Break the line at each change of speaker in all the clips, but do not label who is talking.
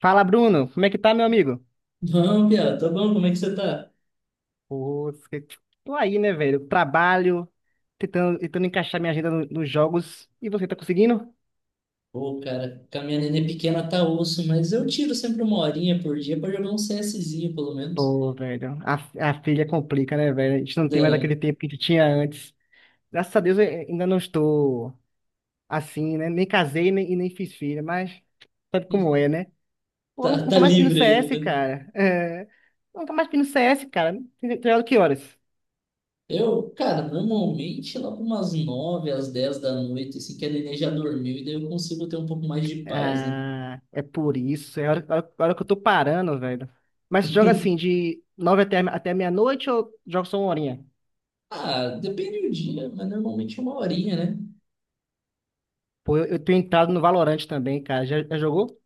Fala, Bruno. Como é que tá, meu amigo?
Não, Bia, tá bom, como é que você tá?
Pô, cê- tô aí, né, velho? Trabalho, tentando encaixar minha agenda no- nos jogos. E você tá conseguindo?
Pô, cara, com a minha nenê pequena tá osso, mas eu tiro sempre uma horinha por dia pra jogar um CSzinho, pelo menos.
Pô, velho, a filha complica, né, velho? A gente não tem mais aquele
Da-
tempo que a gente tinha antes. Graças a Deus eu ainda não estou assim, né? Nem casei nem, e nem fiz filha, mas sabe como é, né? Pô, eu
Tá,
nunca
tá
mais vi no
livre
CS,
ainda.
cara. É, nunca mais vi no CS, cara. Tem jogado que horas?
Eu, cara, normalmente lá por umas 9 às 10 da noite, assim, que a nenê já dormiu, e daí eu consigo ter um pouco mais de paz, né?
Ah, é por isso. É a hora, a hora- a hora que eu tô parando, velho. Mas joga assim, de nove até, até meia-noite ou joga só uma horinha?
Ah, depende do dia, mas normalmente é uma horinha, né?
Pô, eu tenho entrado no Valorant também, cara. Já, já jogou?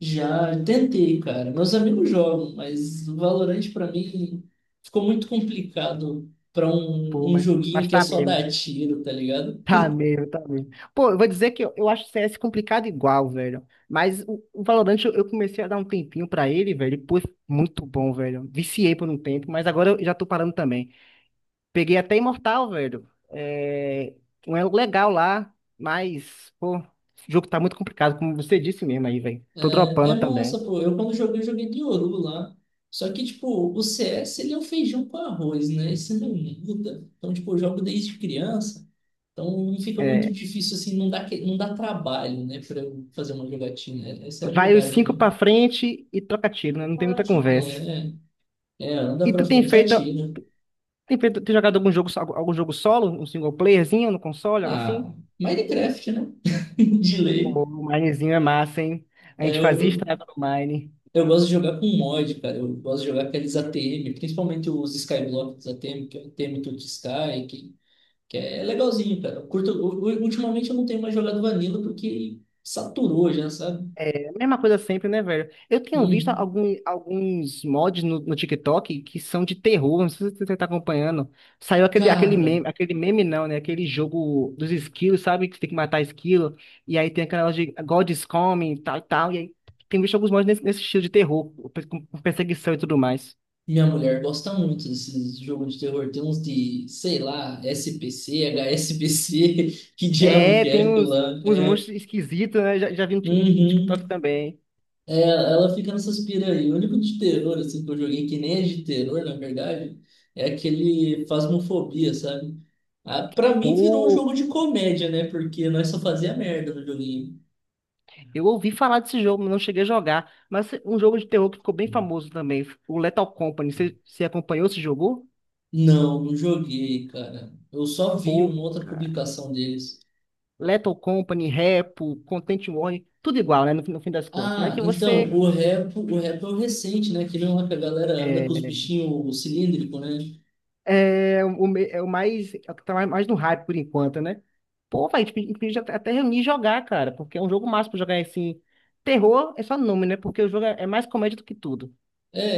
Já tentei, cara. Meus amigos jogam, mas o Valorant pra mim ficou muito complicado pra
Pô,
um joguinho
mas
que é
tá
só
mesmo.
dar tiro, tá ligado?
Tá mesmo, tá mesmo. Pô, eu vou dizer que eu acho o CS complicado igual, velho. Mas o Valorant eu comecei a dar um tempinho pra ele, velho. E, pô, muito bom, velho. Viciei por um tempo, mas agora eu já tô parando também. Peguei até Imortal, velho. É, um elo legal lá, mas, pô, esse jogo tá muito complicado, como você disse mesmo aí, velho. Tô
É, é
dropando
massa,
também.
pô. Eu quando joguei, joguei de Yoru lá. Só que, tipo, o CS, ele é um feijão com arroz, né? Isso não muda. Então, tipo, eu jogo desde criança. Então, não fica muito
É,
difícil, assim, não dá trabalho, né? Pra eu fazer uma jogatina. Essa é a
vai os
verdade,
cinco
né?
pra frente e troca tiro, né? Não tem
Valorant
muita
não gosta.
conversa.
É, é, anda
E
pra
tu tem
frente e
feito,
atira.
tem feito, tem jogado algum jogo, so- algum jogo solo, um single playerzinho no console, algo assim?
Ah, Minecraft, né? De
Pô,
lei.
o Minezinho é massa, hein? A
É,
gente
eu,
fazia
eu,
estrada no Mine.
eu gosto de jogar com mod, cara. Eu gosto de jogar aqueles ATM, principalmente os Skyblocks ATM, que é o ATM to Sky, que é legalzinho, cara. Eu curto, ultimamente eu não tenho mais jogado Vanilla porque saturou já, sabe?
A mesma coisa sempre, né, velho? Eu tenho visto
Uhum.
algum, alguns mods no, no TikTok que são de terror, não sei se você tá acompanhando. Saiu aquele,
Cara,
aquele meme não, né? Aquele jogo dos esquilos, sabe? Que você tem que matar esquilo. E aí tem aquela de God is Coming, e tal e tal. E aí tem visto alguns mods nesse, nesse estilo de terror, com perseguição e tudo mais.
minha mulher gosta muito desses jogos de terror. Tem uns de, sei lá, SPC, HSPC, que diabo
É,
que é
tem
aquilo
uns,
lá?
uns
É.
monstros esquisitos, né? Já, já vi no Tik- no
Uhum.
TikTok também.
É, ela fica nessas pira aí. O único de terror, assim, que eu joguei, que nem é de terror, na verdade, é aquele Phasmophobia, sabe? Ah, pra mim virou um
Pô,
jogo de comédia, né? Porque nós só fazia merda no joguinho.
eu ouvi falar desse jogo, mas não cheguei a jogar. Mas um jogo de terror que ficou bem famoso também, o Lethal Company. Você, você acompanhou, se jogou?
Não, não joguei, cara. Eu só vi
Pô,
uma outra
cara.
publicação deles.
Lethal Company, Repo, Content Warning, tudo igual, né? No, fim no fim das contas, né?
Ah,
Que
então,
você
o rap é o recente, né? Aquele lá que a galera anda
é,
com os bichinhos cilíndricos, né?
é, o, me- é o mais, é o que tá mais mais no hype por enquanto, né? Pô, vai, tipo, inclusive até até reunir e jogar, cara, porque é um jogo massa pra jogar assim. Terror é só nome, né? Porque o jogo é é mais comédia do que tudo.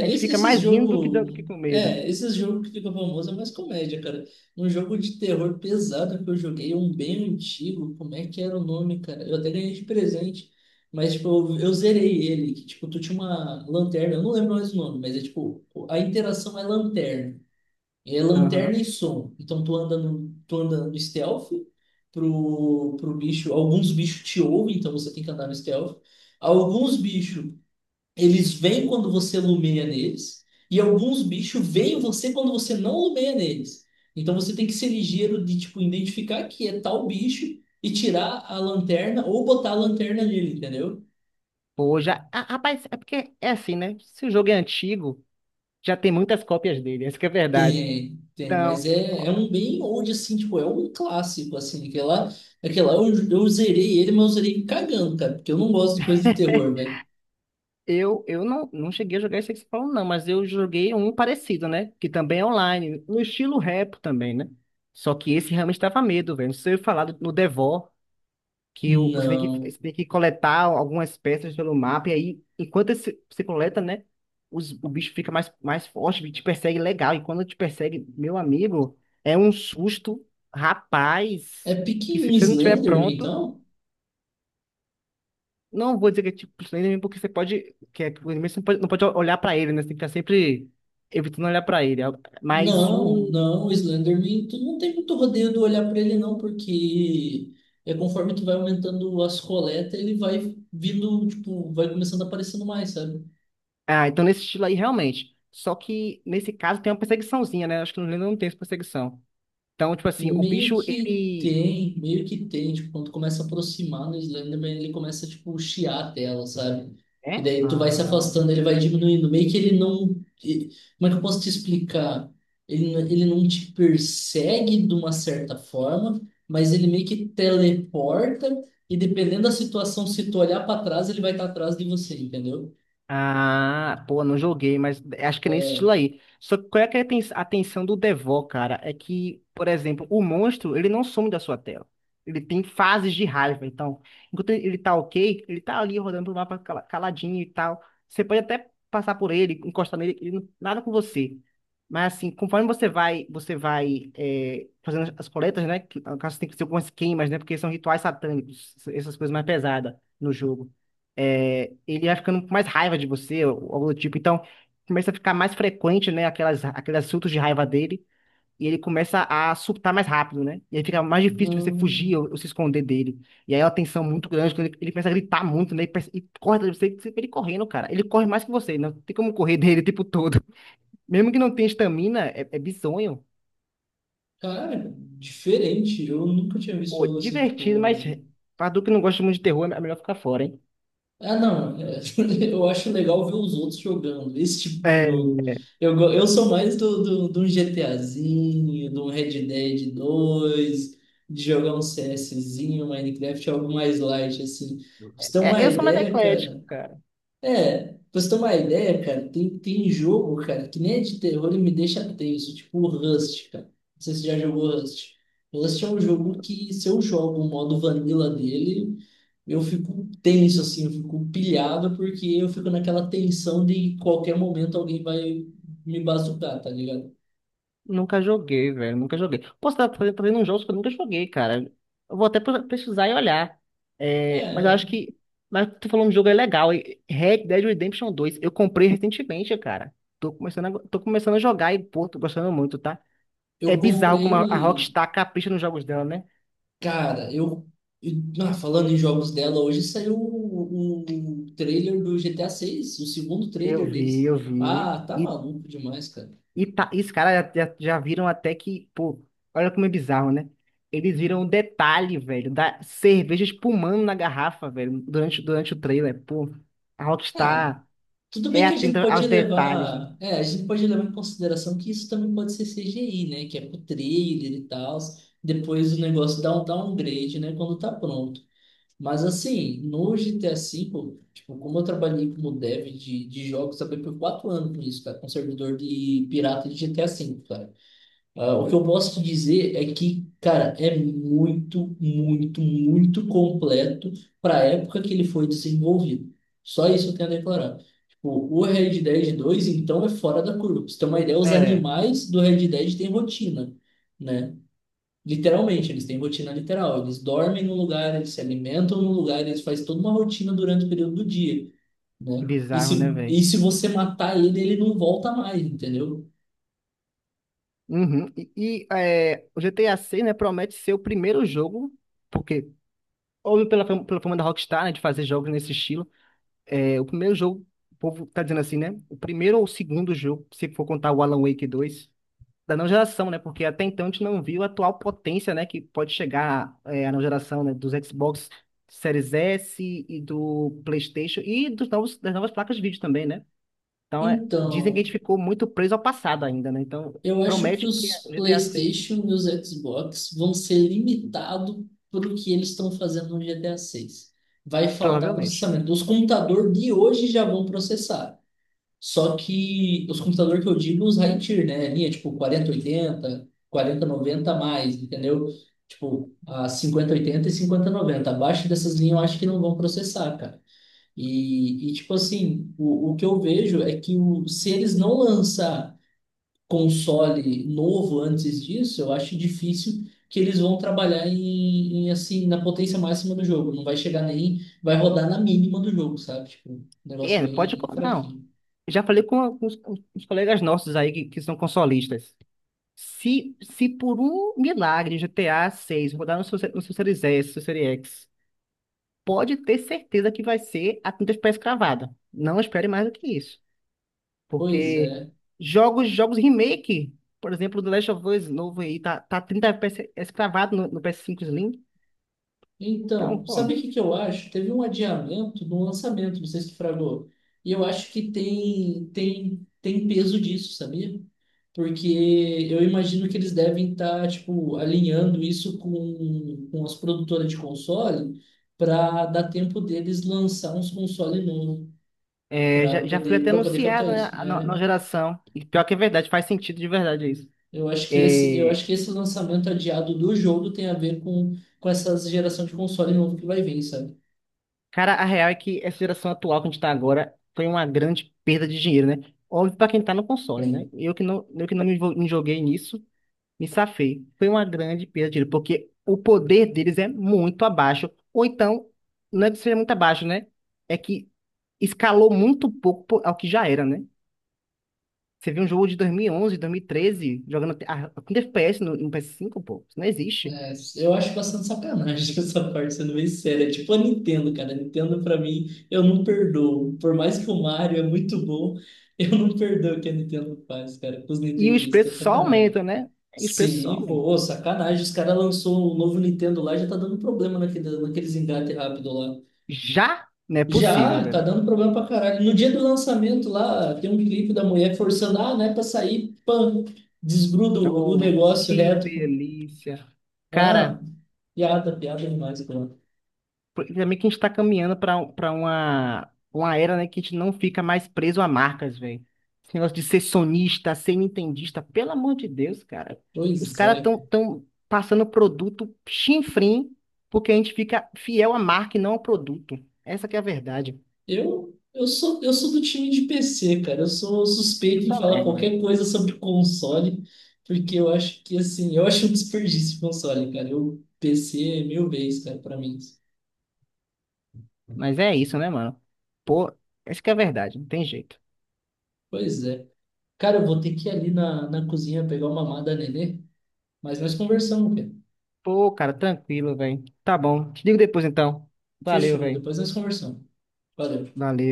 A gente fica
esses
mais rindo do que, dan-
jogos.
do que com medo.
É, esses jogos que ficam famosos é mais comédia, cara. Um jogo de terror pesado que eu joguei, um bem antigo, como é que era o nome, cara? Eu até ganhei de presente, mas, tipo, eu zerei ele, que, tipo, tu tinha uma lanterna, eu não lembro mais o nome, mas é, tipo, a interação é lanterna. É
Aham.
lanterna e som. Então, tu anda no stealth pro bicho, alguns bichos te ouvem, então você tem que andar no stealth. Alguns bichos eles vêm quando você lumeia neles, e alguns bichos veem você quando você não lumeia neles. Então você tem que ser ligeiro de tipo identificar que é tal bicho e tirar a lanterna ou botar a lanterna nele, entendeu?
Pô, já. Ah, rapaz, é porque é assim, né? Se o jogo é antigo, já tem muitas cópias dele, essa que é a verdade.
Tem, tem, mas
Então,
é, é um bem old assim, tipo, é um clássico assim, aquele lá eu zerei ele, mas eu zerei cagando, cara, porque eu não gosto de coisa de terror, velho.
eu não, não cheguei a jogar esse que você falou, não, mas eu joguei um parecido, né? Que também é online, no estilo rap também, né? Só que esse realmente dava medo, velho. Não sei falar do- no Devo. Que o-
Não.
você tem que coletar algumas peças pelo mapa, e aí, enquanto esse- você coleta, né, os- o bicho fica mais, mais forte, e te persegue legal, e quando te persegue, meu amigo, é um susto,
É
rapaz, que
pique um
se você não tiver
Slenderman,
pronto,
então?
não vou dizer que é tipo isso aí, porque você pode, que é, que o inimigo você não pode, não pode olhar pra ele, né, você tem que estar sempre evitando olhar pra ele, mas
Não,
o...
não, o Slenderman, tu não tem muito rodeio de olhar para ele não, porque é conforme tu vai aumentando as coletas, ele vai vindo, tipo, vai começando a aparecendo mais, sabe?
Ah, então nesse estilo aí, realmente, só que nesse caso tem uma perseguiçãozinha, né, acho que no Lenda não tem essa perseguição, então, tipo assim, o bicho, ele,
Meio que tem, tipo, quando começa a aproximar no Slenderman, ele começa, tipo, chiar a tela, sabe? E
né?
daí tu vai se
Ah,
afastando, ele vai diminuindo, meio que ele não, e- como é que eu posso te explicar? Ele não te persegue de uma certa forma, mas ele meio que teleporta, e dependendo da situação, se tu olhar para trás, ele vai estar atrás de você, entendeu?
ah, pô, não joguei, mas acho que é nesse estilo aí. Só que qual é que é a ten- a tensão do Devor, cara? É que, por exemplo, o monstro, ele não some da sua tela. Ele tem fases de raiva, então, enquanto ele tá ok, ele tá ali rodando pro mapa cala- caladinho e tal. Você pode até passar por ele, encostar nele, ele não- nada com você. Mas assim, conforme você vai é, fazendo as coletas, né? Que, no caso, tem que ser algumas queimas, né? Porque são rituais satânicos, essas coisas mais pesadas no jogo é, ele vai ficando com mais raiva de você, ou algo do tipo. Então, começa a ficar mais frequente, né, aquelas, aqueles surtos de raiva dele, e ele começa a surtar mais rápido, né? E aí fica mais difícil de você fugir
Hum,
ou se esconder dele. E aí é uma tensão muito grande, quando ele começa a gritar muito, né? E, perce- e corre atrás de você, você vê ele correndo, cara. Ele corre mais que você, não tem como correr dele o tempo todo. Mesmo que não tenha estamina, é, é bizonho.
Cara, diferente, eu nunca tinha visto
Pô,
algo assim,
divertido, mas
tipo...
pra tu que não gosta muito de terror, é melhor ficar fora, hein?
Ah, não. Eu acho legal ver os outros jogando esse tipo de
É,
jogo. Eu sou mais de um GTAzinho, de um Red Dead 2 de jogar um CSzinho, Minecraft, algo mais light, assim. Pra você ter
é,
uma
eu sou mais
ideia,
eclético,
cara.
cara.
É, pra você ter uma ideia, cara, tem, tem jogo, cara, que nem é de terror e me deixa tenso, tipo o Rust, cara. Não sei se você já jogou Rust. Rust é um jogo que, se eu jogo o modo vanilla dele. Eu fico tenso, assim, eu fico pilhado, porque eu fico naquela tensão de qualquer momento alguém vai me bazucar, tá ligado?
Nunca joguei, velho. Nunca joguei. Posso estar fazendo, fazendo uns jogos que eu nunca joguei, cara. Eu vou até pre- pesquisar e olhar. É, mas eu acho
É,
que. Mas tu falou um jogo é legal. E- Red Dead Redemption dois eu comprei recentemente, cara. Tô começando a jogar e, pô, tô gostando muito, tá? É
eu
bizarro como a
comprei.
Rockstar capricha nos jogos dela, né?
Cara, eu. Ah, falando em jogos dela, hoje saiu o trailer do G GTA 6, o segundo
Eu
trailer
vi,
deles.
eu vi.
Ah, tá
E
maluco demais, cara.
e tá, e os caras já, já, já viram até que, pô, olha como é bizarro, né? Eles viram um detalhe, velho, da cerveja espumando na garrafa, velho, durante, durante o trailer. Pô, a
Ah,
Rockstar
tudo
é
bem que a gente
atenta aos
pode
detalhes, né?
levar, é, a gente pode levar em consideração que isso também pode ser CGI, né? Que é pro trailer e tal. Depois o negócio dá um downgrade, né? Quando tá pronto. Mas assim, no GTA V, tipo, como eu trabalhei como dev de jogos, trabalhei por 4 anos com isso, cara, com servidor de pirata de GTA V, cara. Ah, o que eu posso te dizer é que, cara, é muito, muito, muito completo para a época que ele foi desenvolvido. Só isso eu tenho a declarar. Tipo, o Red Dead 2, então, é fora da curva. Pra você ter uma ideia, os
É,
animais do Red Dead têm rotina, né? Literalmente, eles têm rotina literal. Eles dormem no lugar, eles se alimentam no lugar, eles fazem toda uma rotina durante o período do dia,
que
né? E
bizarro, né,
se, e
velho?
se você matar ele, ele não volta mais, entendeu?
Uhum. E, é, o GTA VI, né, promete ser o primeiro jogo, porque, óbvio, pela, fam- pela fama da Rockstar, né, de fazer jogos nesse estilo, é, o primeiro jogo, o povo tá dizendo assim, né? O primeiro ou o segundo jogo, se for contar o Alan Wake dois da não geração, né? Porque até então a gente não viu a atual potência, né? Que pode chegar é, a não geração, né? Dos Xbox Series S e do PlayStation e dos novos, das novas placas de vídeo também, né? Então, é, dizem que
Então,
a gente ficou muito preso ao passado ainda, né? Então,
eu acho que
promete que é
os
o GTA 6,
PlayStation e os Xbox vão ser limitados pelo que eles estão fazendo no GTA 6. Vai faltar
provavelmente.
processamento. Os computadores de hoje já vão processar. Só que os computadores que eu digo, os high tier, né? Linha tipo 4080, 4090 a mais, entendeu? Tipo, a 5080 e 5090. Abaixo dessas linhas eu acho que não vão processar, cara. E tipo assim, o que eu vejo é que se eles não lançar console novo antes disso, eu acho difícil que eles vão trabalhar assim na potência máxima do jogo. Não vai chegar nem, vai rodar na mínima do jogo, sabe? Tipo, um negócio
É, pode...
bem
co- não,
fraquinho.
já falei com alguns com os colegas nossos aí que são consolistas. Se por um milagre GTA 6 rodar no seu, no seu Series S, no seu Series X, pode ter certeza que vai ser a tinta pré-escravada. Não espere mais do que isso.
Pois
Porque
é.
jogos, jogos remake, por exemplo, do Last of Us novo aí, tá, tá 30 FPS escravado no, no PS5 Slim. Então,
Então, sabe
pô,
o que que eu acho? Teve um adiamento do lançamento, não sei se tu fragou. E eu acho que tem peso disso, sabia? Porque eu imagino que eles devem estar, tipo, alinhando isso com as produtoras de console para dar tempo deles lançar uns console novo
é,
para
já, já foi
poder,
até
para poder
anunciado,
captar
né,
isso,
na, na
né?
geração. E pior que é verdade, faz sentido de verdade isso.
eu acho que esse, eu
É,
acho que esse lançamento adiado do jogo tem a ver com essa geração de console novo que vai vir, sabe?
cara, a real é que essa geração atual que a gente tá agora foi uma grande perda de dinheiro, né? Óbvio pra quem tá no console, né? Eu que não me envol- me joguei nisso, me safei. Foi uma grande perda de dinheiro, porque o poder deles é muito abaixo. Ou então, não é que seja muito abaixo, né? É que escalou muito pouco po- ao que já era, né? Você viu um jogo de 2011, 2013, jogando até- ah, com FPS no, no PS5, pô, isso não existe.
É, eu acho bastante sacanagem essa parte, sendo bem séria. É tipo a Nintendo, cara. A Nintendo, pra mim, eu não perdoo. Por mais que o Mario é muito bom, eu não perdoo o que a Nintendo faz, cara, com os
E os
nintendistas.
preços
É
só
sacanagem.
aumentam, né? E os preços só
Sim, pô,
aumentam.
ô, sacanagem. Os caras lançou o novo Nintendo lá, já tá dando problema naqueles engates rápido lá.
Já não é possível,
Já, tá
velho.
dando problema pra caralho. No dia do lançamento lá, tem um clipe da mulher forçando, ah, né, pra sair, pã, desgruda o
Oh,
negócio
que
reto.
delícia.
Ah,
Cara,
piada, piada demais, pô.
porque também que a gente tá caminhando pra pra uma era, né, que a gente não fica mais preso a marcas, velho. Esse negócio de ser sonista, ser nintendista, pelo amor de Deus, cara. Os
Pois
caras
é.
tão, tão passando produto chinfrim porque a gente fica fiel à marca e não ao produto. Essa que é a verdade.
Eu sou do time de PC, cara. Eu sou
Eu
suspeito em falar
também, mano.
qualquer coisa sobre console, porque eu acho que, assim, eu acho um desperdício de console, cara. PC é mil vezes, cara, pra mim.
Mas é isso, né, mano? Pô, essa que é a verdade, não tem jeito.
Pois é. Cara, eu vou ter que ir ali na cozinha pegar uma mamada, nenê, mas nós conversamos, cara.
Pô, cara, tranquilo, velho. Tá bom. Te digo depois, então. Valeu,
Fechou,
velho.
depois nós conversamos. Valeu.
Valeu.